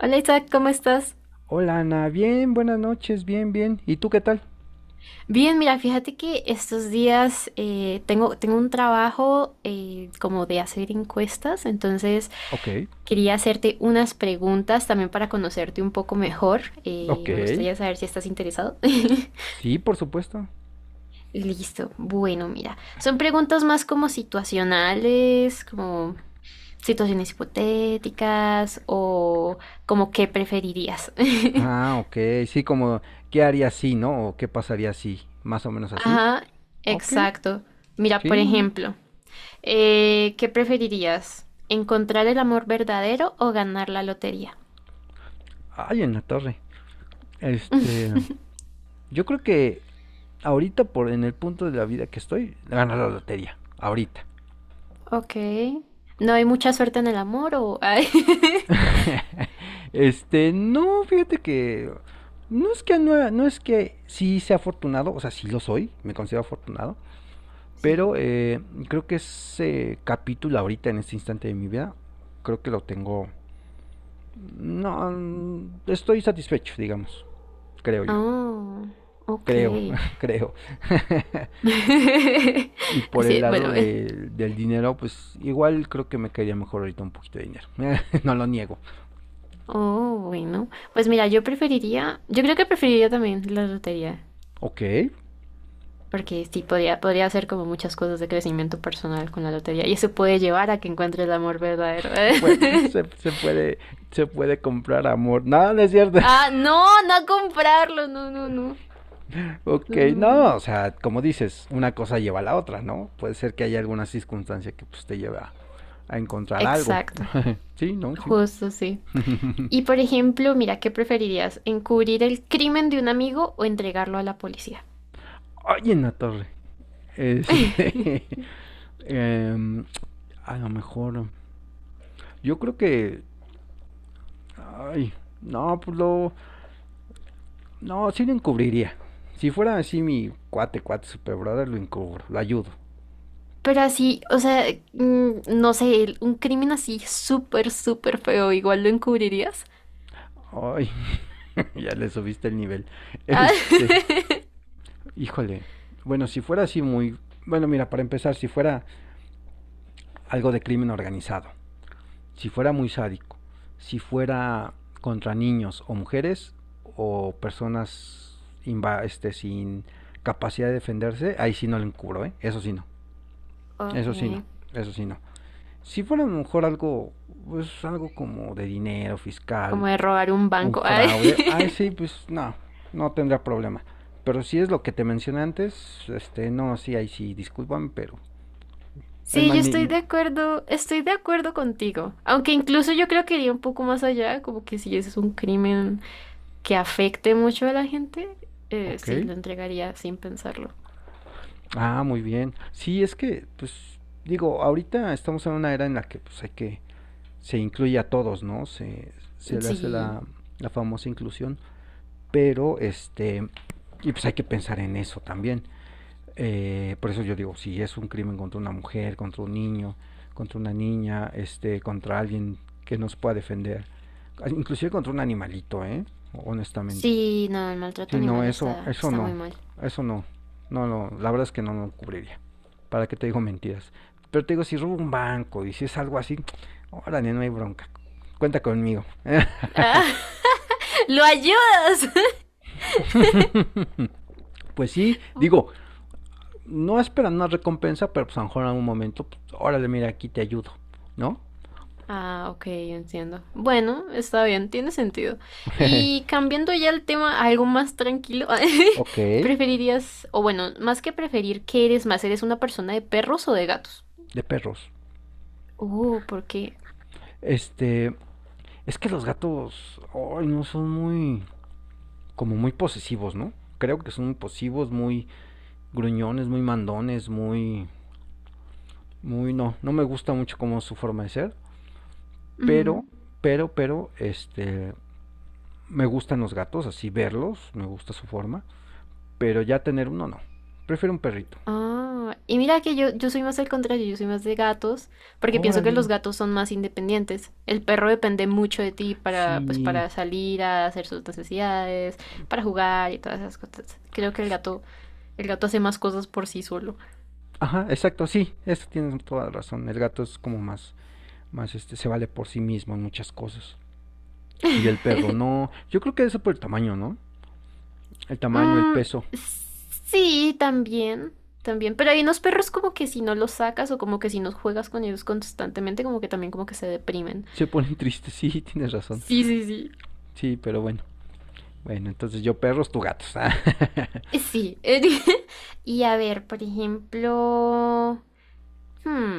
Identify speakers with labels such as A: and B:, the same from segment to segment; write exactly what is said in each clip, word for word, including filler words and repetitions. A: Hola, Isaac, ¿cómo estás?
B: Hola Ana, bien, buenas noches, bien, bien. ¿Y tú qué tal?
A: Bien, mira, fíjate que estos días eh, tengo, tengo un trabajo, eh, como de hacer encuestas, entonces
B: Ok,
A: quería hacerte unas preguntas también para conocerte un poco mejor. Eh,
B: ok.
A: me gustaría saber si estás interesado.
B: Sí, por supuesto.
A: Listo, bueno, mira, son preguntas más como situacionales, como situaciones hipotéticas o como qué preferirías.
B: Ah, ok, sí, como, ¿qué haría si, no? ¿O qué pasaría si? Más o menos así.
A: Ajá,
B: Ok,
A: exacto. Mira,
B: sí,
A: por
B: muy bien.
A: ejemplo. Eh, ¿qué preferirías? ¿Encontrar el amor verdadero o ganar la lotería?
B: Ay, en la torre. Este, yo creo que ahorita, por en el punto de la vida que estoy, ganar la lotería. Ahorita.
A: Ok. ¿No hay mucha suerte en el amor o...? Ay.
B: Este, no, fíjate que no es que no, no es que sí sea afortunado, o sea, sí lo soy, me considero afortunado,
A: Sí.
B: pero eh, creo que ese capítulo ahorita, en este instante de mi vida, creo que lo tengo... No, mm, estoy satisfecho, digamos, creo yo.
A: Oh, ok.
B: Creo, creo. Y por el
A: Así,
B: lado
A: bueno. eh.
B: de- del dinero, pues igual creo que me caería mejor ahorita un poquito de dinero. No lo niego.
A: Oh, bueno. Pues mira, yo preferiría... Yo creo que preferiría también la lotería.
B: Ok,
A: Porque sí, podría, podría hacer como muchas cosas de crecimiento personal con la lotería. Y eso puede llevar a que encuentre el amor verdadero.
B: pues, se, se puede, se puede comprar amor. No, no es cierto.
A: Ah, no, no a comprarlo. No, no, no.
B: Ok,
A: No, no,
B: no,
A: no.
B: o sea, como dices, una cosa lleva a la otra, ¿no? Puede ser que haya alguna circunstancia que pues, te lleve a, a encontrar algo.
A: Exacto,
B: Sí, no, sí.
A: justo sí. Y por ejemplo, mira, ¿qué preferirías? ¿Encubrir el crimen de un amigo o entregarlo a la policía?
B: Oye, en la torre. Este, em, a lo mejor, yo creo que, ay, no, pues lo, no, sí lo encubriría. Si fuera así mi cuate, cuate, super brother, lo encubro, lo ayudo.
A: Pero así, o sea, mm, no sé, el- un crimen así súper, súper feo, ¿igual lo encubrirías?
B: Ay, ya le subiste el nivel.
A: Ah.
B: Este, Híjole, bueno, si fuera así muy... Bueno, mira, para empezar, si fuera algo de crimen organizado, si fuera muy sádico, si fuera contra niños o mujeres o personas inva- este, sin capacidad de defenderse, ahí sí no lo encubro, ¿eh? Eso sí no,
A: Ok,
B: eso sí no, eso sí no. Si fuera a lo mejor algo, pues algo como de dinero fiscal,
A: como de robar un
B: un
A: banco. Ay.
B: fraude, ah, sí, pues no, no tendrá problema. Pero si es lo que te mencioné antes, este, no, sí, ahí sí, discúlpame, pero el
A: Sí, yo
B: mani
A: estoy
B: ni-
A: de acuerdo, estoy de acuerdo contigo. Aunque incluso yo creo que iría un poco más allá, como que si ese es un crimen que afecte mucho a la gente, eh,
B: ok,
A: sí, lo entregaría sin pensarlo.
B: ah, muy bien. Sí, es que, pues, digo, ahorita estamos en una era en la que, pues, hay que, se incluye a todos, ¿no? Se, se le hace
A: Sí,
B: la, la famosa inclusión, pero, este, y pues hay que pensar en eso también. Eh, por eso yo digo, si es un crimen contra una mujer, contra un niño, contra una niña, este, contra alguien que nos pueda defender, inclusive contra un animalito, ¿eh? Honestamente.
A: sí, no, el maltrato
B: Si no,
A: animal
B: eso,
A: está,
B: eso
A: está muy
B: no,
A: mal.
B: eso no, no, no, la verdad es que no lo no cubriría. ¿Para qué te digo mentiras? Pero te digo, si robo un banco y si es algo así, órale, no hay bronca. Cuenta conmigo.
A: Ah. ¡Lo ayudas!
B: Pues sí, digo, no esperan una recompensa, pero pues a lo mejor en algún momento, pues, órale, mira, aquí te ayudo, ¿no?
A: Ah, ok, entiendo. Bueno, está bien, tiene sentido. Y cambiando ya el tema a algo más tranquilo,
B: Ok.
A: ¿preferirías, o bueno, más que preferir, qué eres más? ¿Eres una persona de perros o de gatos?
B: De perros.
A: Uh, ¿por qué?
B: Este, es que los gatos, ay, no son muy, como muy posesivos, ¿no? Creo que son muy posesivos, muy gruñones, muy mandones, muy, muy, no, no me gusta mucho como su forma de ser,
A: Ujú.
B: pero, pero, pero, este, me gustan los gatos, así verlos, me gusta su forma, pero ya tener uno no, prefiero un perrito.
A: Ah, y mira que yo, yo soy más al contrario, yo soy más de gatos, porque pienso que
B: Órale,
A: los gatos son más independientes. El perro depende mucho de ti para,
B: si.
A: pues, para salir a hacer sus necesidades, para jugar y todas esas cosas. Creo que el gato, el gato hace más cosas por sí solo.
B: Ajá, exacto, sí, eso tienes toda la razón. El gato es como más, más este, se vale por sí mismo en muchas cosas. Y el perro no. Yo creo que eso por el tamaño, ¿no? El tamaño, el
A: Mm,
B: peso.
A: sí, también, también. Pero hay unos perros como que si no los sacas o como que si no juegas con ellos constantemente, como que también como que se deprimen.
B: Se ponen tristes, sí, tienes razón.
A: Sí, sí, sí.
B: Sí, pero bueno. Bueno, entonces yo perros, tú gatos.
A: Sí. Y a ver, por ejemplo. Hmm,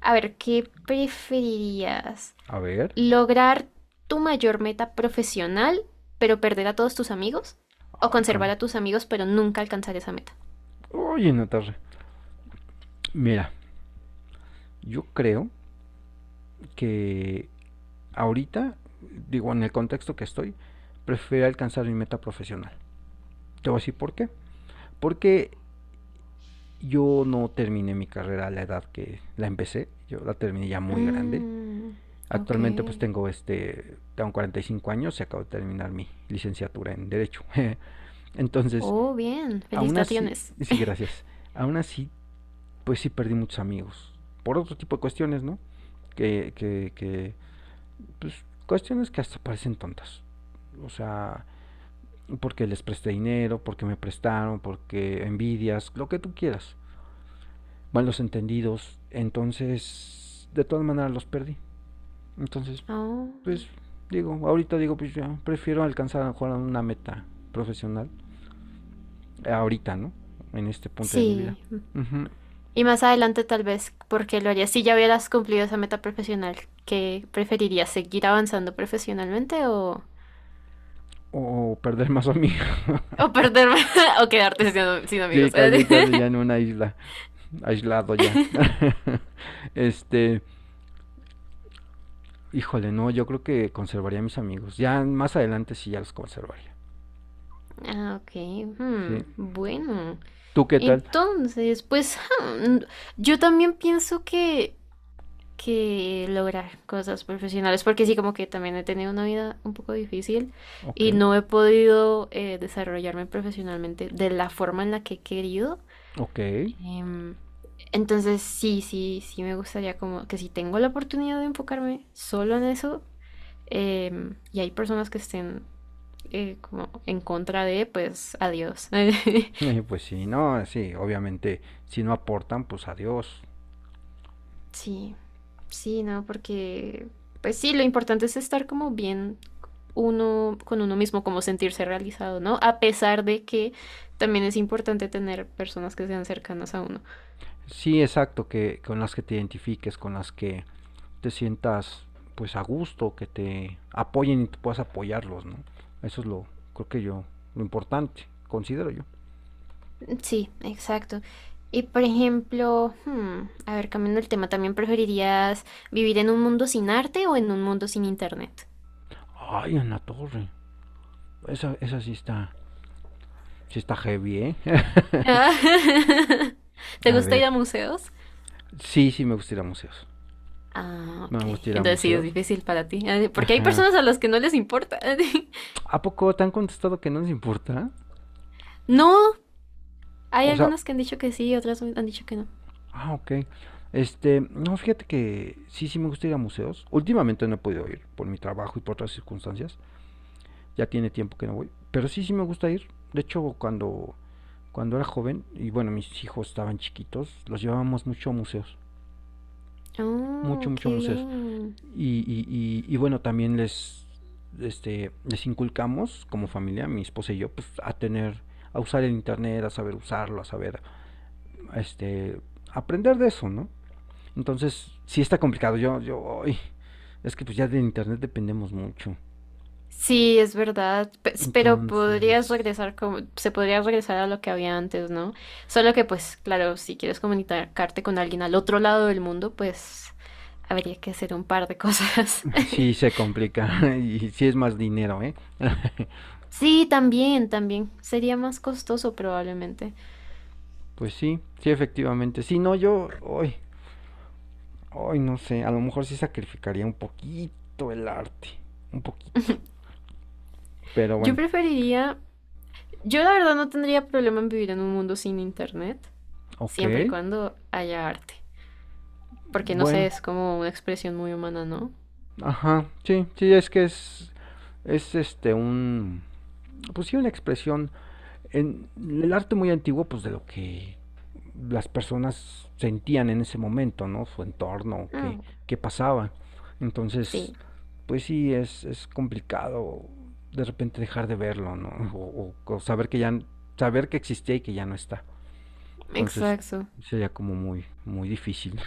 A: A ver, ¿qué preferirías?
B: A ver.
A: ¿Lograr tu mayor meta profesional, pero perder a todos tus amigos? ¿O
B: Ay,
A: conservar
B: con.
A: a tus amigos, pero nunca alcanzar esa meta?
B: Oye, Natarra. Mira, yo creo que ahorita, digo, en el contexto que estoy, prefiero alcanzar mi meta profesional. Te voy a decir por qué. Porque yo no terminé mi carrera a la edad que la empecé, yo la terminé ya muy grande.
A: Mm, ok.
B: Actualmente pues tengo este, tengo cuarenta y cinco años y acabo de terminar mi licenciatura en Derecho. Entonces,
A: Oh, bien.
B: aún así,
A: Felicitaciones.
B: sí, gracias, aún así pues sí perdí muchos amigos. Por otro tipo de cuestiones, ¿no? Que, que, que pues cuestiones que hasta parecen tontas. O sea, porque les presté dinero, porque me prestaron, porque envidias, lo que tú quieras. Malos entendidos. Entonces, de todas maneras los perdí. Entonces,
A: Oh,
B: pues digo, ahorita digo, pues ya prefiero alcanzar a lo mejor una meta profesional. eh, Ahorita, ¿no? En este punto de mi vida.
A: sí.
B: Ujú.
A: Y más adelante tal vez, porque lo harías si ya hubieras cumplido esa meta profesional. ¿Qué preferirías? ¿Seguir avanzando profesionalmente o,
B: O perder más amigos.
A: o perderme o quedarte sin, sin
B: Sí,
A: amigos?
B: casi, casi ya en una isla. Aislado ya. este, Híjole, no, yo creo que conservaría a mis amigos. Ya más adelante sí ya los conservaría.
A: Ah, ok.
B: Sí.
A: hmm, Bueno,
B: ¿Tú qué tal?
A: entonces, pues, hmm, yo también pienso que, que lograr cosas profesionales, porque sí, como que también he tenido una vida un poco difícil
B: Ok,
A: y no he podido, eh, desarrollarme profesionalmente de la forma en la que he querido.
B: ok.
A: Em, entonces, sí, sí, sí me gustaría como que si tengo la oportunidad de enfocarme solo en eso, em, y hay personas que estén eh, como en contra de, pues adiós.
B: Eh, Pues sí, no, sí, obviamente, si no aportan, pues adiós.
A: Sí, sí, no, porque, pues sí, lo importante es estar como bien uno con uno mismo, como sentirse realizado, ¿no? A pesar de que también es importante tener personas que sean cercanas a uno.
B: Sí, exacto, que con las que te identifiques, con las que te sientas pues a gusto, que te apoyen y tú puedas apoyarlos, ¿no? Eso es lo, creo que yo, lo importante, considero yo.
A: Sí, exacto. Y por ejemplo, hmm, a ver, cambiando el tema, ¿también preferirías vivir en un mundo sin arte o en un mundo sin internet?
B: Ay, en la torre, esa, esa sí está, sí está heavy, ¿eh?
A: Ah. ¿Te
B: A
A: gusta ir
B: ver,
A: a museos?
B: sí, sí me gusta ir a museos.
A: Ah,
B: Me
A: ok.
B: gusta ir a
A: Entonces sí, es
B: museos.
A: difícil para ti. Ah, porque hay
B: Ajá.
A: personas a las que no les importa.
B: ¿A poco te han contestado que no les importa?
A: No, hay
B: O sea,
A: algunas que han dicho que sí, otras han dicho que no.
B: ah, ok. Este, no, fíjate que sí, sí me gusta ir a museos. Últimamente no he podido ir por mi trabajo y por otras circunstancias. Ya tiene tiempo que no voy. Pero sí, sí me gusta ir. De hecho, cuando, cuando era joven, y bueno, mis hijos estaban chiquitos, los llevábamos mucho a museos. Mucho,
A: Oh,
B: mucho a
A: qué
B: museos.
A: bien.
B: Y, y, y, y bueno, también les, este, les inculcamos como familia, mi esposa y yo, pues a tener, a usar el internet, a saber usarlo, a saber, este, aprender de eso, ¿no? Entonces, sí está complicado. Yo, yo, ay, es que pues ya de internet dependemos mucho.
A: Sí, es verdad, pe- pero
B: Entonces,
A: podrías regresar como, se podría regresar a lo que había antes, ¿no? Solo que pues, claro, si quieres comunicarte con alguien al otro lado del mundo, pues habría que hacer un par de cosas.
B: sí se complica y sí es más dinero, ¿eh?
A: Sí, también, también. Sería más costoso probablemente.
B: Pues sí, sí, efectivamente. Sí, no, yo, hoy, hoy no sé, a lo mejor sí sacrificaría un poquito el arte, un poquito. Pero
A: Yo
B: bueno,
A: preferiría, yo la verdad no tendría problema en vivir en un mundo sin internet,
B: ok,
A: siempre y cuando haya arte. Porque no sé,
B: bueno,
A: es como una expresión muy humana, ¿no?
B: ajá, sí, sí, es que es, es este, un, pues sí, una expresión en el arte muy antiguo, pues de lo que las personas sentían en ese momento, ¿no? Su entorno, qué,
A: Mm.
B: qué pasaba. Entonces,
A: Sí,
B: pues sí, es, es complicado de repente dejar de verlo, ¿no? O, o- o saber que ya, saber que existía y que ya no está. Entonces,
A: exacto.
B: sería como muy, muy difícil.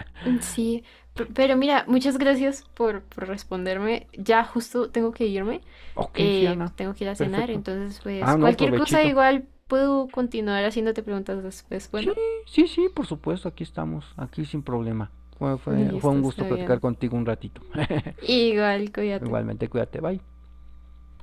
A: Mm. Sí, pe- pero mira, muchas gracias por, por responderme. Ya justo tengo que irme,
B: Ok, sí,
A: eh,
B: Ana,
A: pues tengo que ir a cenar,
B: perfecto.
A: entonces
B: Ah,
A: pues
B: no,
A: cualquier cosa
B: provechito.
A: igual puedo continuar haciéndote preguntas después.
B: Sí,
A: Bueno,
B: sí, sí, por supuesto, aquí estamos, aquí sin problema. Fue, fue, fue
A: listo,
B: un gusto
A: está
B: platicar
A: bien.
B: contigo un ratito.
A: Igual, cuídate.
B: Igualmente, cuídate, bye.